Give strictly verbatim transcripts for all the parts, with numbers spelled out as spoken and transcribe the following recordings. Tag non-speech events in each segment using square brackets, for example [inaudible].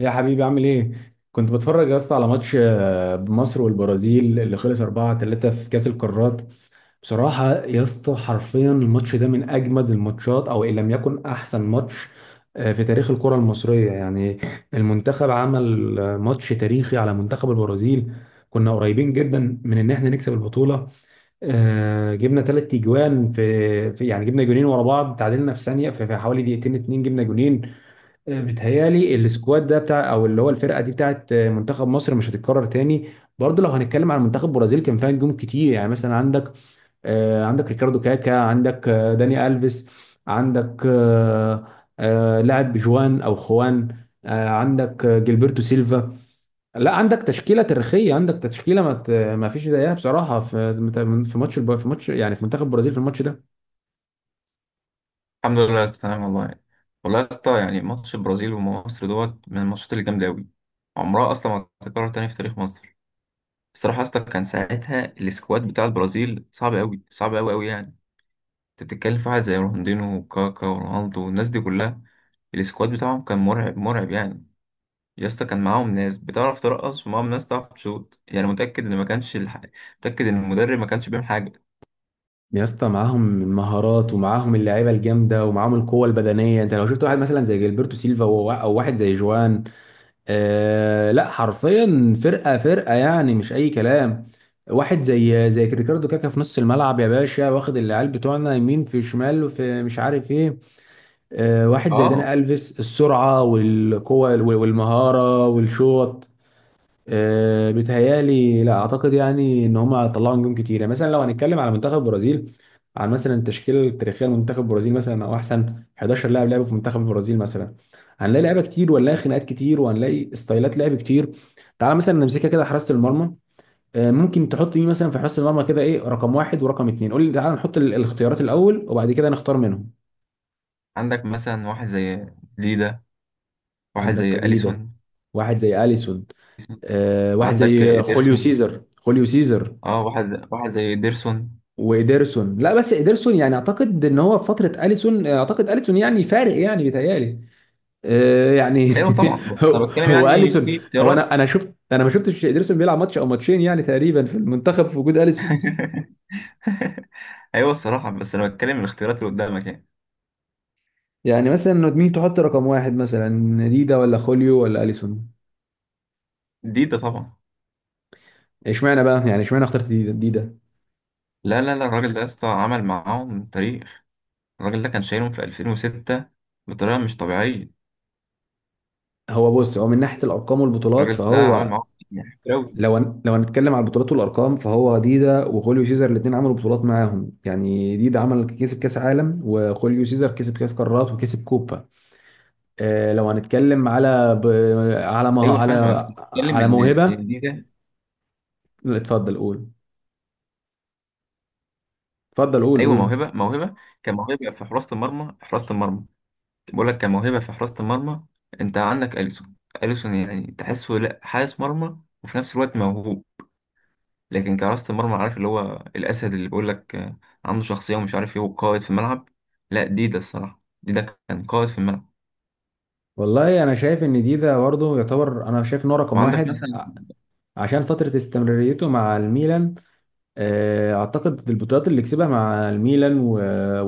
يا حبيبي عامل ايه؟ كنت بتفرج يا اسطى على ماتش آه، مصر والبرازيل اللي خلص اربعه ثلاثه في كأس القارات. بصراحة يا اسطى حرفيا الماتش ده من أجمد الماتشات أو إن لم يكن أحسن ماتش آه، في تاريخ الكرة المصرية. يعني المنتخب عمل آه، ماتش تاريخي على منتخب البرازيل. كنا قريبين جدا من إن احنا نكسب البطولة. آه، جبنا ثلاث تجوان في في- يعني جبنا جونين ورا بعض، تعادلنا في ثانية في في حوالي دقيقتين، اتنين جبنا جونين. بتهيالي السكواد ده بتاع او اللي هو الفرقه دي بتاعت منتخب مصر مش هتتكرر تاني. برضه لو هنتكلم عن منتخب البرازيل كان فيها نجوم كتير، يعني مثلا عندك آه، عندك ريكاردو كاكا، عندك آه، داني الفيس، عندك آه، آه، لاعب جوان او خوان، آه، عندك آه، جilberto سيلفا. لا عندك تشكيله تاريخيه، عندك تشكيله ما ت- ما فيش زيها بصراحه في في ماتش الب- في ماتش يعني في منتخب البرازيل في الماتش ده. الحمد لله يا اسطى، تمام والله. والله يا اسطى، يعني ماتش البرازيل ومصر دوت من الماتشات اللي جامده قوي، عمرها اصلا ما هتتكرر تاني في تاريخ مصر. الصراحه يا اسطى، كان ساعتها السكواد بتاع البرازيل صعب قوي، صعب قوي قوي. يعني انت بتتكلم في واحد زي رونالدينو وكاكا ورونالدو والناس دي كلها. السكواد بتاعهم كان مرعب مرعب. يعني يا اسطى، كان معاهم ناس بتعرف ترقص ومعاهم ناس تعرف تشوط. يعني متاكد ان ما كانش الح... متاكد ان المدرب ما كانش بيعمل حاجه. يا اسطى معاهم المهارات ومعاهم اللعيبه الجامده ومعاهم القوه البدنيه. انت لو شفت واحد مثلا زي جilberto سيلفا و- او واحد زي جوان. آه لا، حرفيا فرقه فرقه، يعني مش اي كلام. واحد زي زي ريكاردو كاكا في نص الملعب يا باشا، واخد العيال بتوعنا يمين في شمال وفي مش عارف ايه. آه، واحد زي اه، داني الفيس، السرعه والقوه وال- والمهاره والشوط. أه بيتهيألي، لا اعتقد يعني ان هم طلعوا نجوم كتير. يعني مثلا لو هنتكلم على منتخب البرازيل، عن مثلا التشكيله التاريخيه لمنتخب البرازيل مثلا، او احسن حداشر لاعب لعبوا في منتخب البرازيل مثلا، هنلاقي لعيبه كتير وهنلاقي خناقات كتير وهنلاقي ستايلات لعب كتير. تعال مثلا نمسكها كده، حراسه المرمى. أه ممكن تحط مين مثلا في حراسه المرمى، كده ايه رقم واحد ورقم اتنين؟ قول لي. تعال نحط ال- الاختيارات الاول وبعد كده نختار منهم. عندك مثلا واحد زي ديدا، واحد زي عندك جديده، اليسون، واحد زي اليسون. أه، واحد وعندك زي خوليو إيدرسون. سيزر خوليو سيزر اه، واحد واحد زي إيدرسون. وإيدرسون، لا بس إيدرسون يعني أعتقد إن هو في فترة أليسون، أعتقد أليسون يعني فارق يعني بيتهيألي. آه، يعني ايوه طبعا، [laughs] بس انا هو بتكلم هو يعني أليسون في هو. أنا اختيارات. أنا شفت، أنا ما شفتش إيدرسون بيلعب ماتش أو ماتشين يعني تقريبا في المنتخب في وجود أليسون. [laughs] ايوه الصراحه، بس انا بتكلم الاختيارات اللي قدامك يعني. يعني مثلا مين تحط رقم واحد، مثلا ديدا ولا خوليو ولا أليسون؟ دي ده طبعا. اشمعنى بقى، يعني اشمعنى اخترت ديدا ديدا؟ لا لا لا، الراجل ده يا اسطى عمل معاهم تاريخ. الراجل ده كان شايلهم في ألفين وستة بطريقه مش طبيعيه. هو بص، هو من ناحية الأرقام والبطولات الراجل ده عمل فهو... معاهم يعني كتير أوي. لو هن- لو هنتكلم على البطولات والارقام فهو ديدا وخوليو سيزر الاثنين عملوا بطولات معاهم، يعني ديدا عمل كسب كاس عالم وخوليو سيزر كسب كاس قارات وكسب كوبا. آه لو هنتكلم على ب... على ما... ايوه فاهمك، انا على بتكلم على ان موهبه. إن دي ده. لا، اتفضل قول. اتفضل قول ايوه، قول. موهبه موهبه. كان موهبه في حراسه المرمى، حراسه المرمى. بقول لك كموهبة في حراسة المرمى. انت عندك أليسون، أليسون يعني تحسه لا حارس مرمى وفي نفس الوقت موهوب، لكن كحراسة المرمى عارف اللي هو الأسد اللي بيقول لك آه، عنده شخصية ومش عارف ايه وقائد في الملعب. لا، دي ده الصراحة، دي ده كان قائد في الملعب. والله انا شايف ان ديدا برضه يعتبر، انا شايف ان هو رقم وعندك واحد مثلا، ع- عشان فتره استمراريته مع الميلان. آه، اعتقد البطولات اللي كسبها مع الميلان و-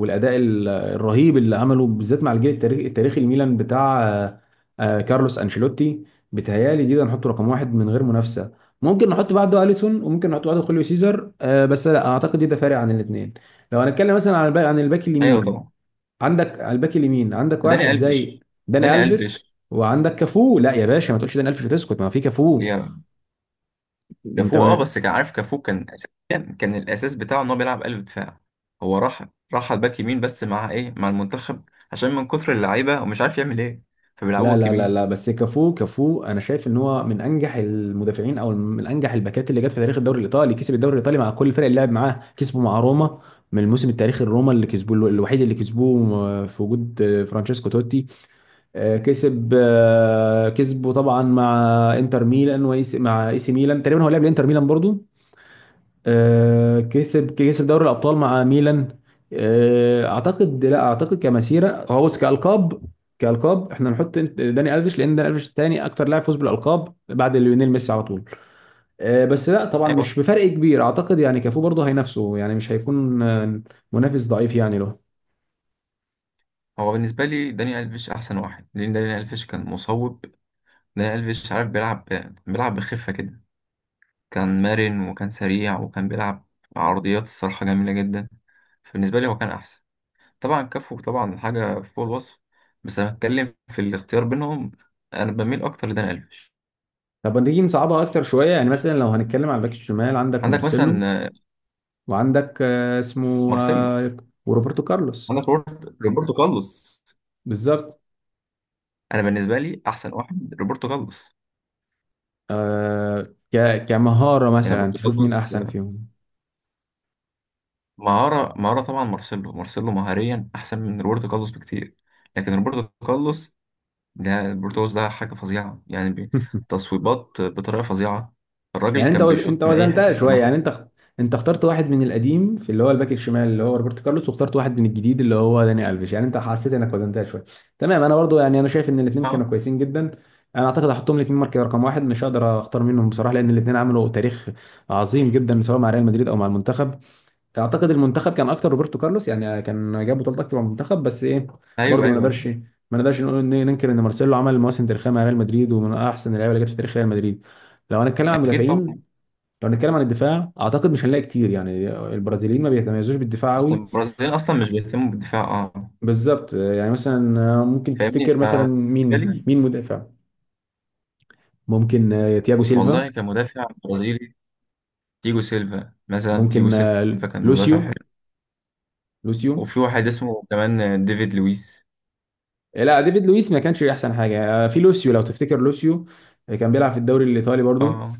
والاداء ال- الرهيب اللي عمله بالذات مع الجيل التاريخي التاريخي الميلان بتاع آه، آه، كارلوس انشيلوتي. بتهيالي دي ده نحطه رقم واحد من غير منافسه. ممكن نحط بعده اليسون وممكن نحط بعده خوليو سيزر، آه، بس لا اعتقد دي ده فارق عن الاثنين. لو هنتكلم مثلا عن الباك عن الباك ايوه اليمين، طبعا. عندك على الباك اليمين عندك داني واحد زي ألفيش داني داني الفيس. ألفيش وعندك كافو، لا يا باشا ما تقولش داني الفيش وتسكت، ما في كافو. يا انت... كافو. اه بس كان عارف، كافو كان أساسيا، كان الأساس بتاعه ان هو بيلعب قلب دفاع. هو راح، راح على الباك يمين بس مع ايه، مع المنتخب، عشان من كتر اللعيبة ومش عارف يعمل ايه، فبيلعبوا لا باك لا لا يمين. لا، بس كافو كافو انا شايف ان هو من انجح المدافعين او من انجح الباكات اللي جت في تاريخ الدوري الايطالي. كسب الدوري الايطالي مع كل الفرق اللي لعب معاه، كسبه مع روما من الموسم التاريخي الروما اللي كسبوه الوحيد، اللي كسبوه آه، في وجود آه، فرانشيسكو توتي. آه، كسب آه، كسبه طبعا مع انتر ميلان وإيس- مع اي سي ميلان. تقريبا هو لعب لانتر ميلان برضو. آه، كسب كسب دوري الابطال مع ميلان. آه، اعتقد، لا اعتقد كمسيره هو بص كالقاب. كالقاب احنا نحط انت- داني الفيش، لان داني الفيش الثاني اكتر لاعب فوز بالالقاب بعد ليونيل ميسي على طول. آه، بس لا طبعا ايوه. مش بفرق كبير. اعتقد يعني كافو برضه هينافسه، يعني مش هيكون آه، منافس ضعيف يعني له. هو بالنسبه لي داني الفيش احسن واحد، لان داني الفيش كان مصوب. داني الفيش عارف بيلعب، بيلعب بخفه كده. كان مرن وكان سريع وكان بيلعب عرضيات الصراحه جميله جدا. فبالنسبه لي هو كان احسن. طبعا كافو، طبعا حاجه فوق الوصف، بس انا بتكلم في الاختيار بينهم، انا بميل اكتر لداني الفيش. طب نيجي نصعبها اكتر شويه، يعني مثلا لو هنتكلم على الباك الشمال، عندك عندك مارسيلو مثلا آه، وعندك آه، اسمه مارسيلو. آه، وروبرتو كارلوس. عندك روبرت- روبرتو كارلوس. بالظبط. انا بالنسبه لي احسن واحد روبرتو كارلوس. آه، ك كمهارة يعني مثلا روبرتو تشوف مين كارلوس أحسن فيهم. مهارة، مهارة. طبعا مارسيلو مارسيلو مهاريا أحسن من روبرتو كارلوس بكتير، لكن روبرتو كارلوس، ده روبرتو كارلوس ده حاجة فظيعة يعني بي- [laughs] تصويبات بطريقة فظيعة. الراجل يعني أنت كان وز... أنت بيشوط من أي حتة وزنتها في شوية، يعني الملعب. أنت اخت- أنت اخترت واحد من القديم في اللي هو الباك الشمال اللي هو روبرتو كارلوس، واخترت واحد من الجديد اللي هو داني ألفيش. يعني أنت حسيت إنك وزنتها شوية. تمام، أنا برضو يعني أنا شايف إن الاتنين كانوا اه كويسين جدا. أنا أعتقد هحطهم الاتنين مركز رقم واحد، مش هقدر أختار منهم بصراحة، لأن الاتنين عملوا تاريخ عظيم جدا سواء مع ريال مدريد أو مع المنتخب. اعتقد المنتخب كان اكتر روبرتو كارلوس، يعني كان جاب بطولات اكتر من المنتخب، بس ايه، برضه أيوه ما أيوه. نقدرش ما نقدرش نقول إن- ننكر ان مارسيلو عمل مواسم تاريخيه مع ريال مدريد ومن احسن اللعيبه اللي جت في تاريخ ريال مدريد. لو هنتكلم عن أكيد طبعا. المدافعين، لو هنتكلم عن الدفاع، اعتقد مش هنلاقي كتير يعني، البرازيليين ما بيتميزوش بالدفاع أصل قوي. البرازيل أصلا مش بيهتموا بالدفاع، اه. بالظبط، يعني مثلا ممكن فاهمني تفتكر مثلا فبالنسبة مين لي، مين مدافع؟ ممكن تياجو سيلفا. والله كمدافع برازيلي، تيجو سيلفا مثلا تيجو ممكن سيلفا كان مدافع حلو. لوسيو لوسيو وفي واحد اسمه كمان ديفيد لويس. لا ديفيد لويس ما كانش احسن حاجه. آه، في لوسيو لو تفتكر لوسيو، آه، كان بيلعب في الدوري الايطالي برضو. اه.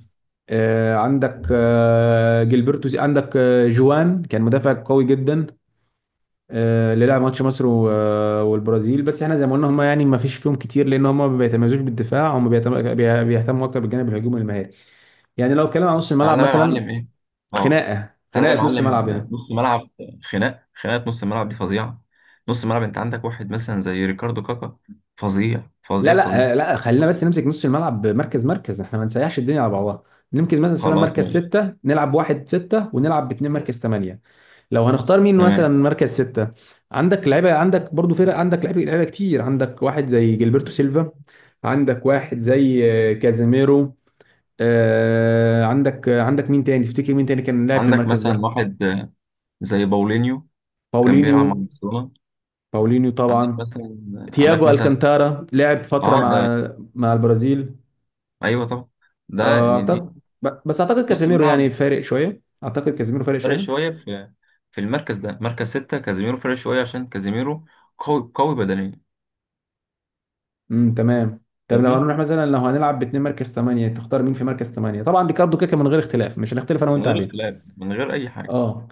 آه، عندك آه، جilberto سي- عندك آه، جوان كان مدافع قوي جدا، آه، اللي لعب ماتش مصر و- آه، والبرازيل. بس احنا زي ما قلنا هم يعني ما فيش فيهم كتير، لان هم ما بيتميزوش بالدفاع، هم بيتم- بي- بيهتموا اكتر بالجانب الهجومي المهاري. يعني لو اتكلم عن نص الملعب تعالى بقى يا مثلا، معلم ايه، اه، خناقه، تعالى بقى يا خناقه نص معلم. ملعب هنا. نص ملعب، خناق خناقه نص الملعب دي فظيعه. نص الملعب، انت عندك واحد مثلا زي ريكاردو كاكا، فظيع لا فظيع فظيع. لا، آه، لا خلينا بس نمسك نص الملعب مركز مركز احنا ما نسيحش الدنيا على بعضها. نمسك مثلا خلاص مركز ماشي، ستة، نلعب واحد ستة ونلعب باتنين مركز تمانية. لو هنختار مين مثلا تمام. مركز ستة، عندك لعيبة، عندك برضو فرق، عندك لعيبة لعيبة كتير. عندك واحد زي جilberto سيلفا، عندك واحد زي آه، كازيميرو، آه، عندك آه، عندك مين تاني تفتكر؟ مين تاني كان لاعب في عندك المركز مثلا ده؟ واحد آه، زي باولينيو، كان بيلعب مع باولينيو، برشلونه. باولينيو عندك طبعا. مثلا، عندك تياجو مثلا، الكانتارا لعب فترة اه ده. مع مع البرازيل. ايوه طبعا، ده آه، يعني دي أعتقد ب- بس أعتقد نص كاسيميرو يعني الملعب، فارق شوية، أعتقد كاسيميرو فارق فارق شوية. شويه في، في المركز ده مركز ستة، كازيميرو فارق شويه عشان كازيميرو قوي قوي بدنيا. امم تمام. طب لو فاهمني، هنروح مثلا، لو هنلعب باتنين مركز ثمانية، تختار مين في مركز ثمانية؟ طبعا ريكاردو كاكا من غير اختلاف، مش هنختلف أنا من وأنت غير عليه. اختلاف، من غير اي حاجه. اه،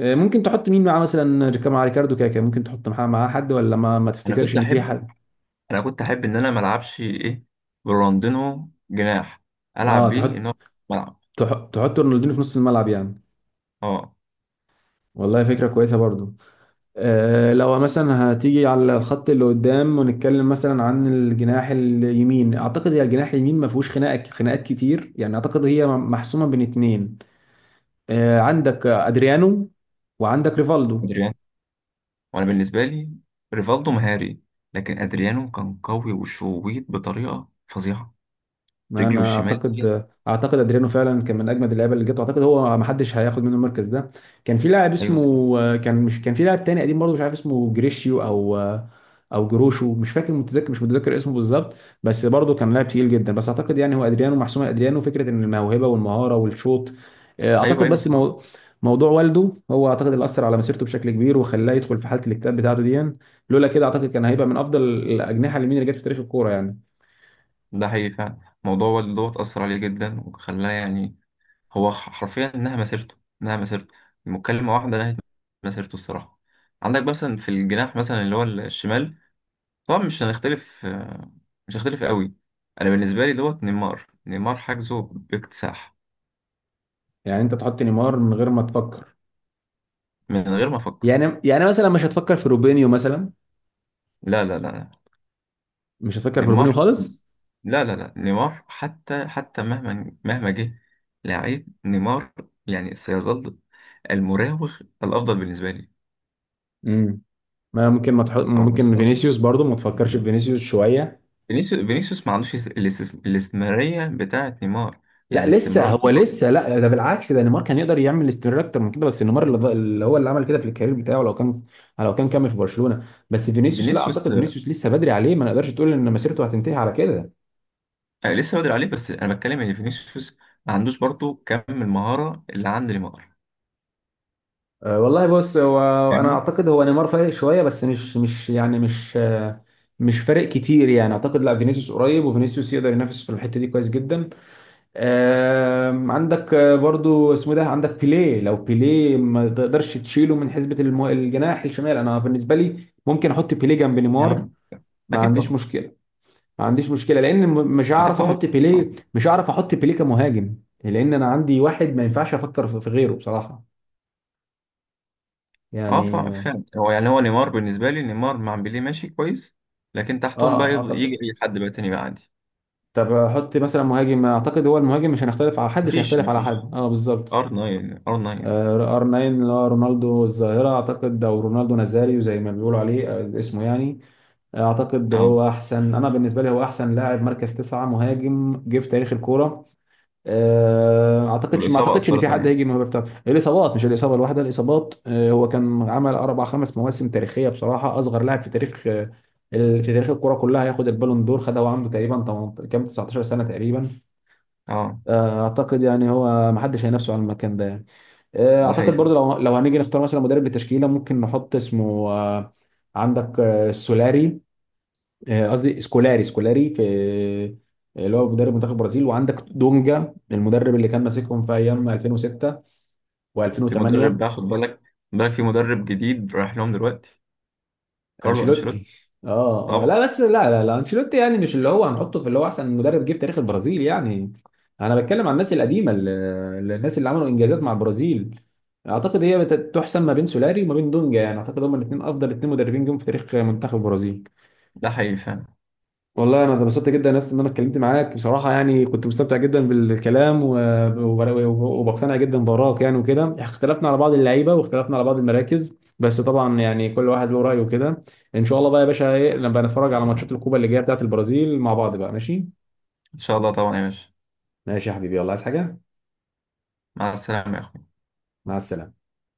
آه، ممكن تحط مين معاه مثلا ريكا- مع ريكاردو كاكا؟ ممكن تحط معاه معاه حد، ولا ما, ما انا تفتكرش كنت إن في احب حد؟ انا كنت احب ان انا ما العبش ايه، برونالدينو جناح، العب اه بيه تحط... ان هو ملعب. تح- تحط رونالدينيو في نص الملعب يعني؟ اه، والله فكرة كويسة برضو. آه، لو مثلا هتيجي على الخط اللي قدام ونتكلم مثلا عن الجناح اليمين، اعتقد هي الجناح اليمين ما فيهوش خناقه خناقات كتير يعني، اعتقد هي محسومه بين اتنين. آه، عندك ادريانو وعندك ريفالدو. ادريانو. وانا بالنسبه لي ريفالدو مهاري، لكن ادريانو كان قوي وشويت بطريقه فظيعه، ما رجله انا الشمال دي. اعتقد اعتقد ادريانو فعلا كان من اجمد اللعيبه اللي جت، اعتقد هو ما حدش هياخد منه المركز ده. كان في لاعب ايوه صراحه. اسمه، كان مش، كان في لاعب تاني قديم برضه مش عارف اسمه، جريشيو او او جروشو، مش فاكر، متذكر مش متذكر اسمه بالظبط. بس برضه كان لاعب تقيل جدا. بس اعتقد يعني هو ادريانو محسومه، ادريانو فكره ان الموهبه والمهاره والشوط. آه، ايوه اعتقد ايوه بس صراحه. مو... موضوع والده هو اعتقد اللي اثر على مسيرته بشكل كبير وخلاه يدخل في حاله الاكتئاب بتاعته دي. لولا كده اعتقد كان هيبقى من افضل الاجنحه اليمين اللي جت في تاريخ الكوره يعني. ده حقيقي فعلا. الموضوع والد دوت اثر عليه جدا وخلاه يعني، هو ح- حرفيا انها مسيرته انها مسيرته مكالمه واحده نهت مسيرته الصراحه. عندك مثلا في الجناح مثلا اللي هو الشمال، طبعا مش هنختلف، مش هختلف قوي. انا بالنسبه لي دوت نيمار، نيمار حجزه باكتساح. يعني انت تحط نيمار من غير ما تفكر؟ من غير ما افكر. يعني يعني مثلا مش هتفكر في روبينيو مثلا؟ لا لا لا لا. مش هتفكر في روبينيو نيمار. خالص؟ لا لا لا، نيمار حتى حتى مهما مهما جه، لعيب نيمار يعني سيظل المراوغ الافضل بالنسبه لي. امم. ما ممكن ما تحط، او ممكن مصدر، فينيسيوس برضو ما تفكرش في فينيسيوس شويه؟ فينيسيوس فينيسيوس ما عندوش الاستس- الاستمراريه بتاعه نيمار. لا، يعني لسه استمرار هو نيمار. لسه، لا ده بالعكس، ده نيمار كان يقدر يعمل استمرار اكتر من كده، بس نيمار اللي, ض- اللي هو اللي عمل كده في الكارير بتاعه لو كان، لو كان كمل في برشلونه. بس فينيسيوس، لا فينيسيوس اعتقد فينيسيوس لسه بدري عليه، ما نقدرش تقول ان مسيرته هتنتهي على كده. آه، لسه بدري عليه، بس انا بتكلم ان فينيسيوس ما عندوش برضه كم المهاره اللي عند نيمار. أه، والله بص هو، انا فاهمني. اعتقد هو نيمار فارق شويه، بس مش مش يعني مش آه، مش فارق كتير يعني. اعتقد لا فينيسيوس قريب، وفينيسيوس يقدر ينافس في الحته دي كويس جدا. آم، عندك آه، برضو اسمه ده، عندك بيليه. لو بيليه ما تقدرش تشيله من حسبه المو... الجناح الشمال. انا بالنسبه لي ممكن احط بيليه جنب نيمار، يعني ما اكيد عنديش طبعا. مشكله، ما عنديش مشكله، لان م- مش هعرف وتحتهم، احط بيليه، مش هعرف احط بيليه كمهاجم، لان انا عندي واحد ما ينفعش افكر في في غيره بصراحه اه ف- يعني. اه، فعلا هو، يعني هو نيمار بالنسبه لي، نيمار مع بيليه ماشي كويس، لكن تحتهم بقى آه، يفضل- يجي اعتقد اي حد بقى تاني بقى عادي. طب حط مثلا مهاجم، اعتقد هو المهاجم مش هنختلف على حد، مش مفيش هيختلف على مفيش، حد اه بالظبط. ار تسعة ار تسعة. ار تسعه اللي هو رونالدو الظاهره اعتقد، او رونالدو نازاريو زي ما بيقولوا عليه آه، اسمه يعني. آه، اعتقد اه هو احسن، انا بالنسبه لي هو احسن لاعب مركز تسعه مهاجم جه في تاريخ الكوره. آه، اعتقدش ما والاصابه اعتقدش ان في اثرت حد هيجي عليه. الموهبه بتاعته. الاصابات، مش الاصابه الواحده، الاصابات. آه، هو كان عمل اربع خمس مواسم تاريخيه بصراحه، اصغر لاعب في تاريخ آه، ال- في تاريخ الكوره كلها هياخد البالون دور، خدها وعنده تقريبا تمنتاشر كام تسعة عشر سنه تقريبا. اه آه، اعتقد يعني هو ما حدش هينافسه على المكان ده يعني. آه، ده حقيقي اعتقد برضو فعلا. لو، لو هنيجي نختار مثلا مدرب للتشكيله ممكن نحط اسمه آه، عندك آه، سولاري، آه، قصدي سكولاري. سكولاري في آه، اللي هو مدرب منتخب البرازيل، وعندك دونجا المدرب اللي كان ماسكهم في ايام الفين وستة في و2008. مدرب بقى خد بالك خد بالك في مدرب جديد رايح لهم دلوقتي، كارلو انشيلوتي. انشيلوتي؟ اه اه طبعا. لا، بس لا لا لا انشيلوتي يعني مش اللي هو هنحطه في اللي هو احسن مدرب جه في تاريخ البرازيل يعني. انا بتكلم عن الناس القديمه، ال- ال- الناس اللي عملوا انجازات مع البرازيل. اعتقد هي بت- تحسم ما بين سولاري وما بين دونجا، يعني اعتقد هما الاثنين افضل اثنين مدربين جم في تاريخ منتخب البرازيل. ده حقيقي فعلا. والله انا اتبسطت جدا يا اسطى ان انا اتكلمت معاك بصراحه يعني، كنت مستمتع جدا بالكلام و- وب- وبقتنع جدا بارائك يعني، وكده اختلفنا على بعض اللعيبه واختلفنا على بعض المراكز، بس طبعا يعني كل واحد له رايه وكده. ان شاء الله بقى يا باشا، ايه لما نتفرج على ماتشات الكوبا اللي جايه بتاعه البرازيل مع بعض بقى، ماشي؟ ان شاء الله طبعا يا باشا. ماشي يا حبيبي، يلا عايز حاجه؟ مع السلامه يا أخوي. مع السلامه.